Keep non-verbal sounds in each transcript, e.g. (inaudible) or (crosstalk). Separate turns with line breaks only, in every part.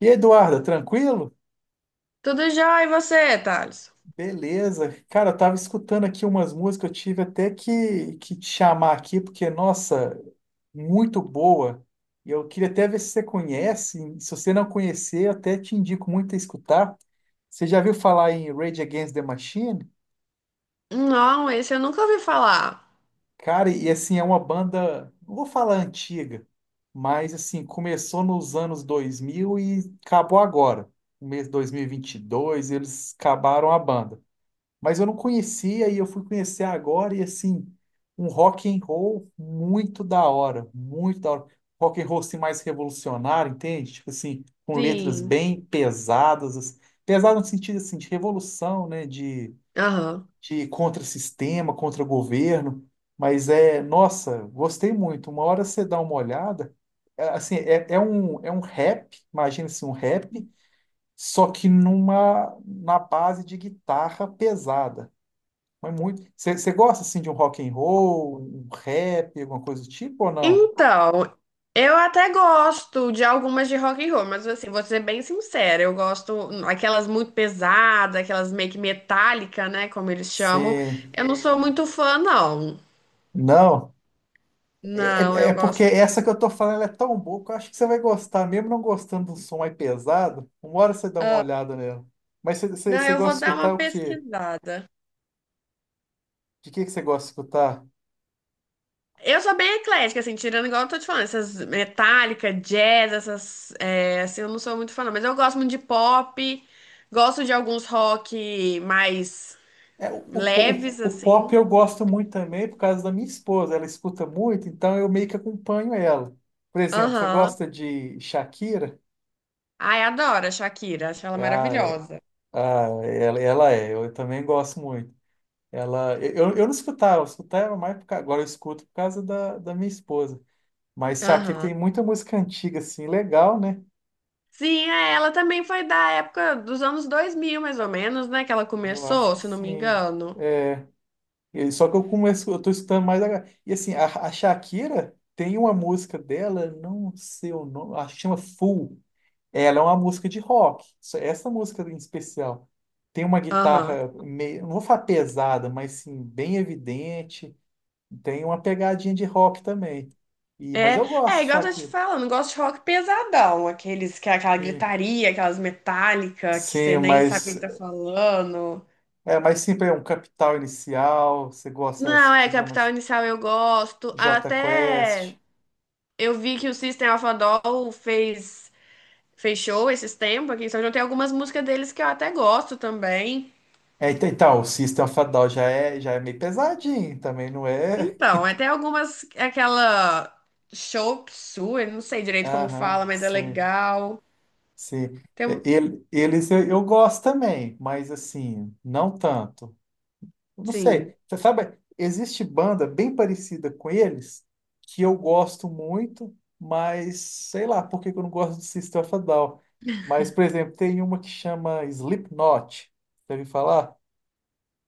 Eduarda, tranquilo?
Tudo já, e você, Thales?
Beleza. Cara, eu tava escutando aqui umas músicas, eu tive até que te chamar aqui, porque, nossa, muito boa. Eu queria até ver se você conhece. Se você não conhecer, eu até te indico muito a escutar. Você já viu falar em Rage Against the Machine?
Não, esse eu nunca ouvi falar.
Cara, e assim, é uma banda, não vou falar antiga, mas assim, começou nos anos 2000 e acabou agora. No mês de dois, mil e vinte e dois, eles acabaram a banda. Mas eu não conhecia e eu fui conhecer agora e assim, um rock and roll muito da hora, muito da hora. Rock and roll assim, mais revolucionário, entende? Tipo assim, com letras
Sim.
bem pesadas, assim, pesado no sentido assim de revolução, né, de
Aham.
de contra-sistema, contra-governo, mas é, nossa, gostei muito. Uma hora você dá uma olhada, é, assim, é um rap, imagina assim, um rap. Só que na base de guitarra pesada, mas muito. Você gosta assim de um rock and roll, um rap, alguma coisa do tipo ou não?
Então, eu até gosto de algumas de rock and roll, mas assim, vou ser bem sincera, eu gosto aquelas muito pesadas, aquelas meio que metálica, né, como eles chamam.
Você
Eu não sou muito fã, não.
não? É,
Não,
é
eu
porque
gosto.
essa que eu tô falando ela é tão boa que eu acho que você vai gostar, mesmo não gostando do som mais pesado. Uma hora você dá uma
Ah,
olhada nela. Mas
não,
você
eu
gosta de
vou dar uma
escutar o quê?
pesquisada.
De que você gosta de escutar?
Eu sou bem eclética, assim, tirando igual eu tô te falando, essas metálica, jazz, essas, é, assim, eu não sou muito fã, não, mas eu gosto muito de pop, gosto de alguns rock mais
É, o, o, po- o-
leves,
o pop
assim.
eu gosto muito também por causa da minha esposa. Ela escuta muito, então eu meio que acompanho ela. Por exemplo, você
Aham.
gosta de Shakira?
Ai, adoro a Shakira, acho ela
Ah, é.
maravilhosa.
Ah, ela é, eu também gosto muito. Eu não escutava, eu escutava mais agora eu escuto por causa da minha esposa. Mas Shakira tem
Aham.
muita música antiga, assim, legal, né?
Sim, é, ela também foi da época dos anos 2000 mais ou menos, né, que ela
Eu acho
começou,
que
se não me
sim.
engano.
Só que eu tô escutando mais agora. E assim, a Shakira tem uma música dela, não sei o nome, acho que chama Fool. Ela é uma música de rock. Essa música em especial tem uma
Aham.
guitarra meio, não vou falar pesada, mas sim, bem evidente. Tem uma pegadinha de rock também. E, mas
É,
eu gosto
é
de
igual eu tô te
Shakira.
falando, eu gosto de rock pesadão, aqueles que é aquela
E,
gritaria, aquelas metálicas que você
sim,
nem sabe
mas
o que tá falando.
é mais sempre é um Capital Inicial. Você gosta desse
Não, é,
tipo de
Capital
mais
Inicial eu gosto.
Jota
Até
Quest.
eu vi que o System of a Down fez show esses tempos aqui em São João. Tem algumas músicas deles que eu até gosto também.
É, então, então, o System of a Down já é meio pesadinho também, não é?
Então, até algumas, aquela Chop Suey, não sei direito como
Aham,
fala, mas é
sim,
legal.
sim.
Tem,
É,
um-
eles eu gosto também, mas assim, não tanto. Eu não
sim,
sei. Você sabe, existe banda bem parecida com eles que eu gosto muito, mas sei lá por que que eu não gosto do System of a Down. Mas, por exemplo, tem uma que chama Slipknot. Deve falar?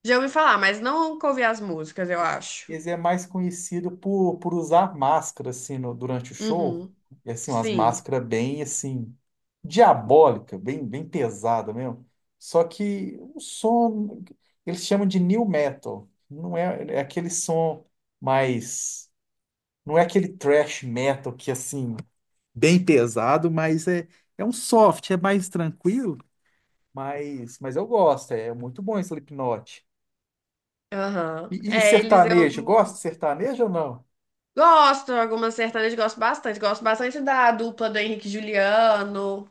já ouvi falar, mas não nunca ouvi as músicas, eu acho.
Esse é mais conhecido por usar máscara, assim, durante o show.
Uhum.
E, assim, umas
Sim.
máscaras bem, assim, diabólica, bem, bem pesada mesmo. Só que o som, eles chamam de new metal. Não é, é aquele som mais... Não é aquele thrash metal que, assim, bem pesado, mas é, é um soft, é mais tranquilo. Mas eu gosto, é muito bom esse Slipknot.
Aham.
E
É, eles eu
sertanejo, gosta
não
de sertanejo ou não?
gosto, algumas sertanejas gosto bastante. Gosto bastante da dupla do Henrique e Juliano,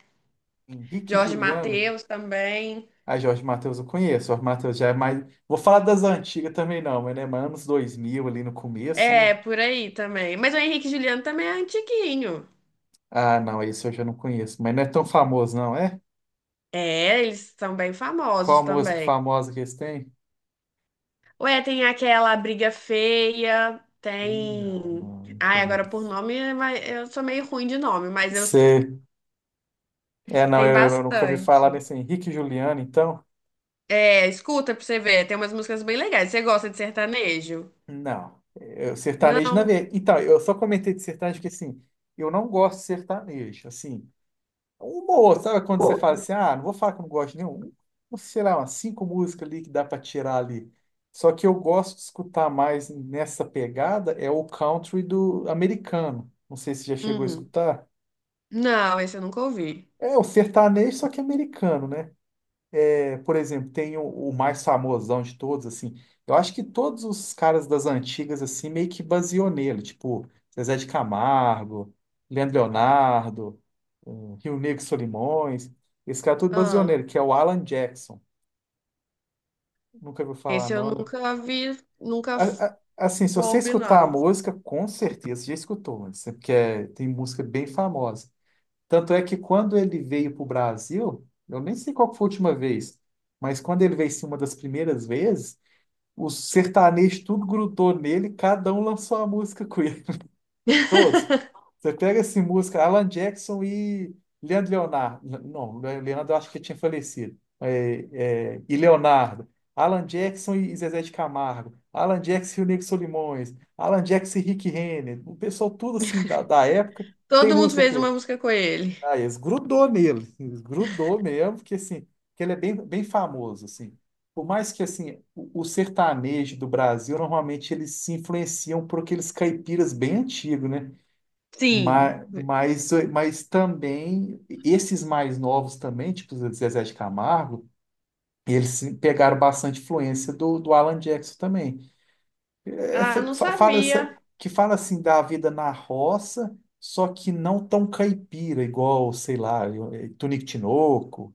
Henrique e
Jorge
Juliano.
Mateus também.
Ah, Jorge Mateus eu conheço. Jorge Mateus já é mais. Vou falar das antigas também, não, mas né, mas anos 2000 ali no começo,
É,
né?
por aí também. Mas o Henrique e Juliano também é antiguinho.
Ah, não, esse eu já não conheço. Mas não é tão famoso, não, é?
É, eles são bem
Qual
famosos
a música
também.
famosa que eles têm?
Ué, tem aquela Briga Feia,
Ih, não,
tem.
não, não
Ai, agora por
conheço.
nome, mas eu sou meio ruim de nome, mas eu
Você. É, não,
tem
eu nunca vi falar
bastante.
nesse Henrique e Juliano, então.
É, escuta pra você ver, tem umas músicas bem legais. Você gosta de sertanejo?
Não. Eu, sertanejo, na
Não?
verdade. Então, eu só comentei de sertanejo porque, assim, eu não gosto de sertanejo. Assim, uma ou outra, sabe quando você fala assim, ah, não vou falar que eu não gosto de nenhum, uns, sei lá, umas cinco músicas ali que dá para tirar ali. Só que eu gosto de escutar mais nessa pegada é o country do americano. Não sei se já chegou a
Hum.
escutar.
Não, esse eu nunca ouvi.
É o sertanejo, só que americano, né? É, por exemplo, tem o mais famosão de todos, assim. Eu acho que todos os caras das antigas, assim, meio que baseou nele. Tipo, Zezé de Camargo, Leandro Leonardo, eh, Rio Negro e Solimões. Esse cara tudo baseou
Ah,
nele, que é o Alan Jackson. Nunca ouviu falar,
esse eu
não, né?
nunca vi, nunca f-
Assim, se você
soube,
escutar a
não.
música, com certeza você já escutou, mas é porque tem música bem famosa. Tanto é que quando ele veio para o Brasil, eu nem sei qual que foi a última vez, mas quando ele veio, sim, uma das primeiras vezes, os sertanejos tudo grudou nele, cada um lançou uma música com ele. Todos.
(laughs)
Você pega essa música, Alan Jackson e Leandro Leonardo. Não, Leandro eu acho que tinha falecido. É, é, e Leonardo. Alan Jackson e Zezé de Camargo. Alan Jackson e o Nego Solimões. Alan Jackson e Rick Renner. O pessoal tudo assim da época tem
Todo mundo
música com
fez uma
ele.
música com ele.
Ah, eles grudou nele, (laughs) eles grudou mesmo, porque assim, que ele é bem, bem famoso, assim. Por mais que assim, o sertanejo do Brasil, normalmente eles se influenciam por aqueles caipiras bem antigos, né?
Sim.
Mas também, esses mais novos também, tipo o Zezé de Camargo, eles se- pegaram bastante influência do Alan Jackson também.
Ah,
Essa,
não
fala essa,
sabia.
que fala assim da vida na roça, só que não tão caipira, igual, sei lá, Tunico Tinoco,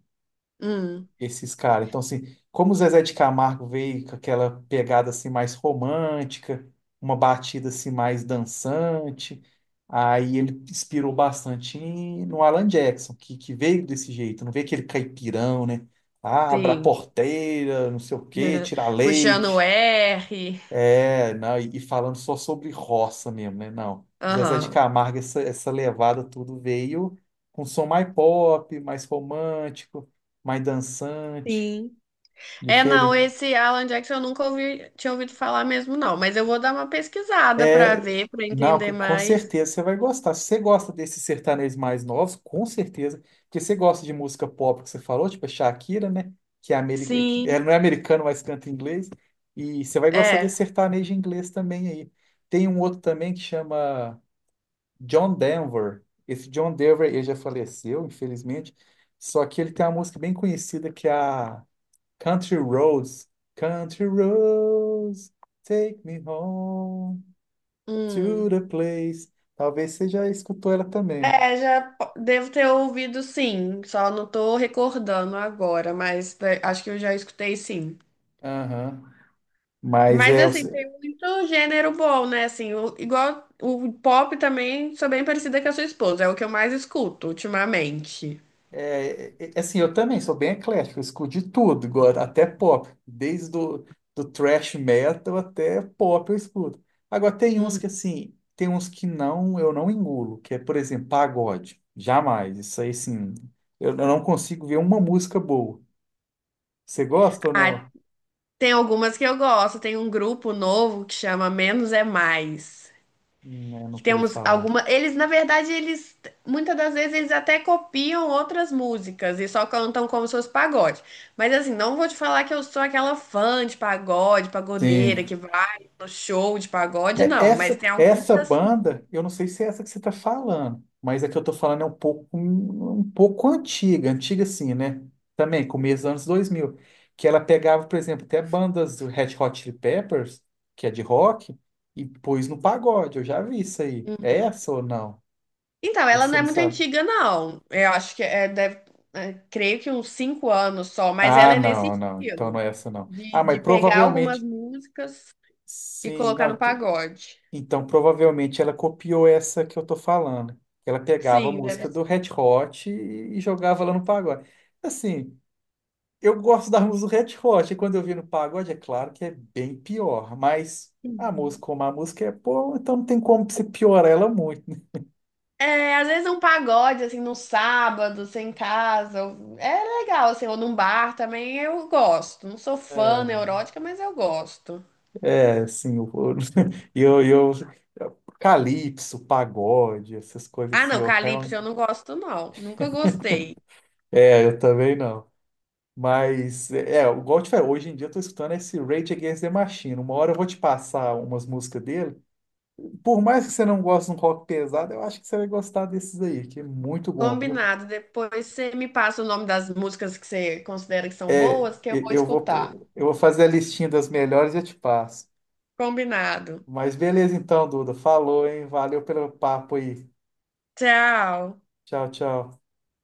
Hum,
esses caras. Então, assim, como o Zezé de Camargo veio com aquela pegada assim mais romântica, uma batida assim mais dançante, aí ele inspirou bastante no Alan Jackson, que veio desse jeito, não veio aquele caipirão, né? Ah, Abra a
sim.
porteira, não sei o quê,
(laughs)
tirar
Puxando o
leite.
R.
É, não, e falando só sobre roça mesmo, né? Não. O Zezé de
Aham.
Camargo, essa levada tudo veio com som mais pop, mais romântico, mais dançante,
Sim. É, não,
diferente.
esse Alan Jackson eu nunca ouvi, tinha ouvido falar mesmo, não. Mas eu vou dar uma pesquisada pra
É,
ver, pra
não,
entender
com
mais.
certeza você vai gostar. Se você gosta desses sertanejos mais novos, com certeza, porque você gosta de música pop que você falou, tipo a Shakira, né? Que é,
Sim,
não é americano, mas canta em inglês. E você vai gostar desse
é.
sertanejo inglês também aí. Tem um outro também que chama. John Denver. Esse John Denver, ele já faleceu, infelizmente. Só que ele tem uma música bem conhecida que é a Country Roads. Country Roads, take me home to
Hum.
the place. Talvez você já escutou ela também.
É, já po- devo ter ouvido sim, só não tô recordando agora, mas né, acho que eu já escutei sim.
Aham. Mas
Mas
é,
assim, tem muito gênero bom, né? Assim, o- igual o pop também, sou bem parecida com a sua esposa, é o que eu mais escuto ultimamente.
é, é, é, assim, eu também sou bem eclético, eu escuto de tudo, agora, até pop, desde do thrash metal até pop eu escuto. Agora tem uns que
Hum.
assim, tem uns que não, eu não engulo, que é, por exemplo, pagode. Jamais, isso aí sim, eu não consigo ver uma música boa. Você gosta ou
Ah,
não?
tem algumas que eu gosto, tem um grupo novo que chama Menos é Mais.
Eu
Que
nunca vi
temos
falar.
alguma. Eles, na verdade, eles. Muitas das vezes eles até copiam outras músicas e só cantam como se fosse pagode. Mas assim, não vou te falar que eu sou aquela fã de pagode, pagodeira,
Sim.
que vai no show de pagode,
É,
não. Mas
Essa,
tem algumas
essa
assim.
banda, eu não sei se é essa que você está falando, mas a que eu estou falando é um pouco, um pouco antiga, antiga assim, né? Também, começo dos anos 2000 que ela pegava, por exemplo, até bandas do Red Hot Chili Peppers, que é de rock, e pôs no pagode, eu já vi isso aí. É essa ou não?
Então,
Ou
ela não
você
é
não
muito
sabe?
antiga, não. Eu acho que é, deve, é, creio que uns 5 anos só, mas ela
Ah,
é nesse
não, não, então não
estilo,
é essa não. Ah,
de,
mas
de pegar algumas
provavelmente,
músicas e
sim,
colocar no
não,
pagode.
então, provavelmente ela copiou essa que eu tô falando. Ela pegava a
Sim, deve.
música do Red Hot e jogava lá no pagode. Assim, eu gosto da música do Red Hot, e quando eu vi no pagode, é claro que é bem pior, mas a música, como a música é boa, então não tem como você piorar ela muito, né?
É, às vezes um pagode, assim, no sábado, sem casa, ou- é legal, assim, ou num bar também eu gosto. Não sou fã neurótica, mas eu gosto.
É, é, assim, eu, (laughs) eu, eu, calypso, pagode, essas coisas
Ah,
assim,
não,
eu
Calypso eu
realmente.
não gosto, não. Nunca gostei.
É, eu também não. Mas, é, é, igual eu te falei, hoje em dia eu tô escutando esse Rage Against the Machine. Uma hora eu vou te passar umas músicas dele. Por mais que você não goste de um rock pesado, eu acho que você vai gostar desses aí, que é muito bom, viu?
Combinado. Depois você me passa o nome das músicas que você considera que são
É,
boas, que eu
e-
vou
eu vou,
escutar.
eu vou fazer a listinha das melhores e eu te passo.
Combinado.
Mas beleza então, Duda. Falou, hein? Valeu pelo papo aí.
Tchau.
Tchau, tchau.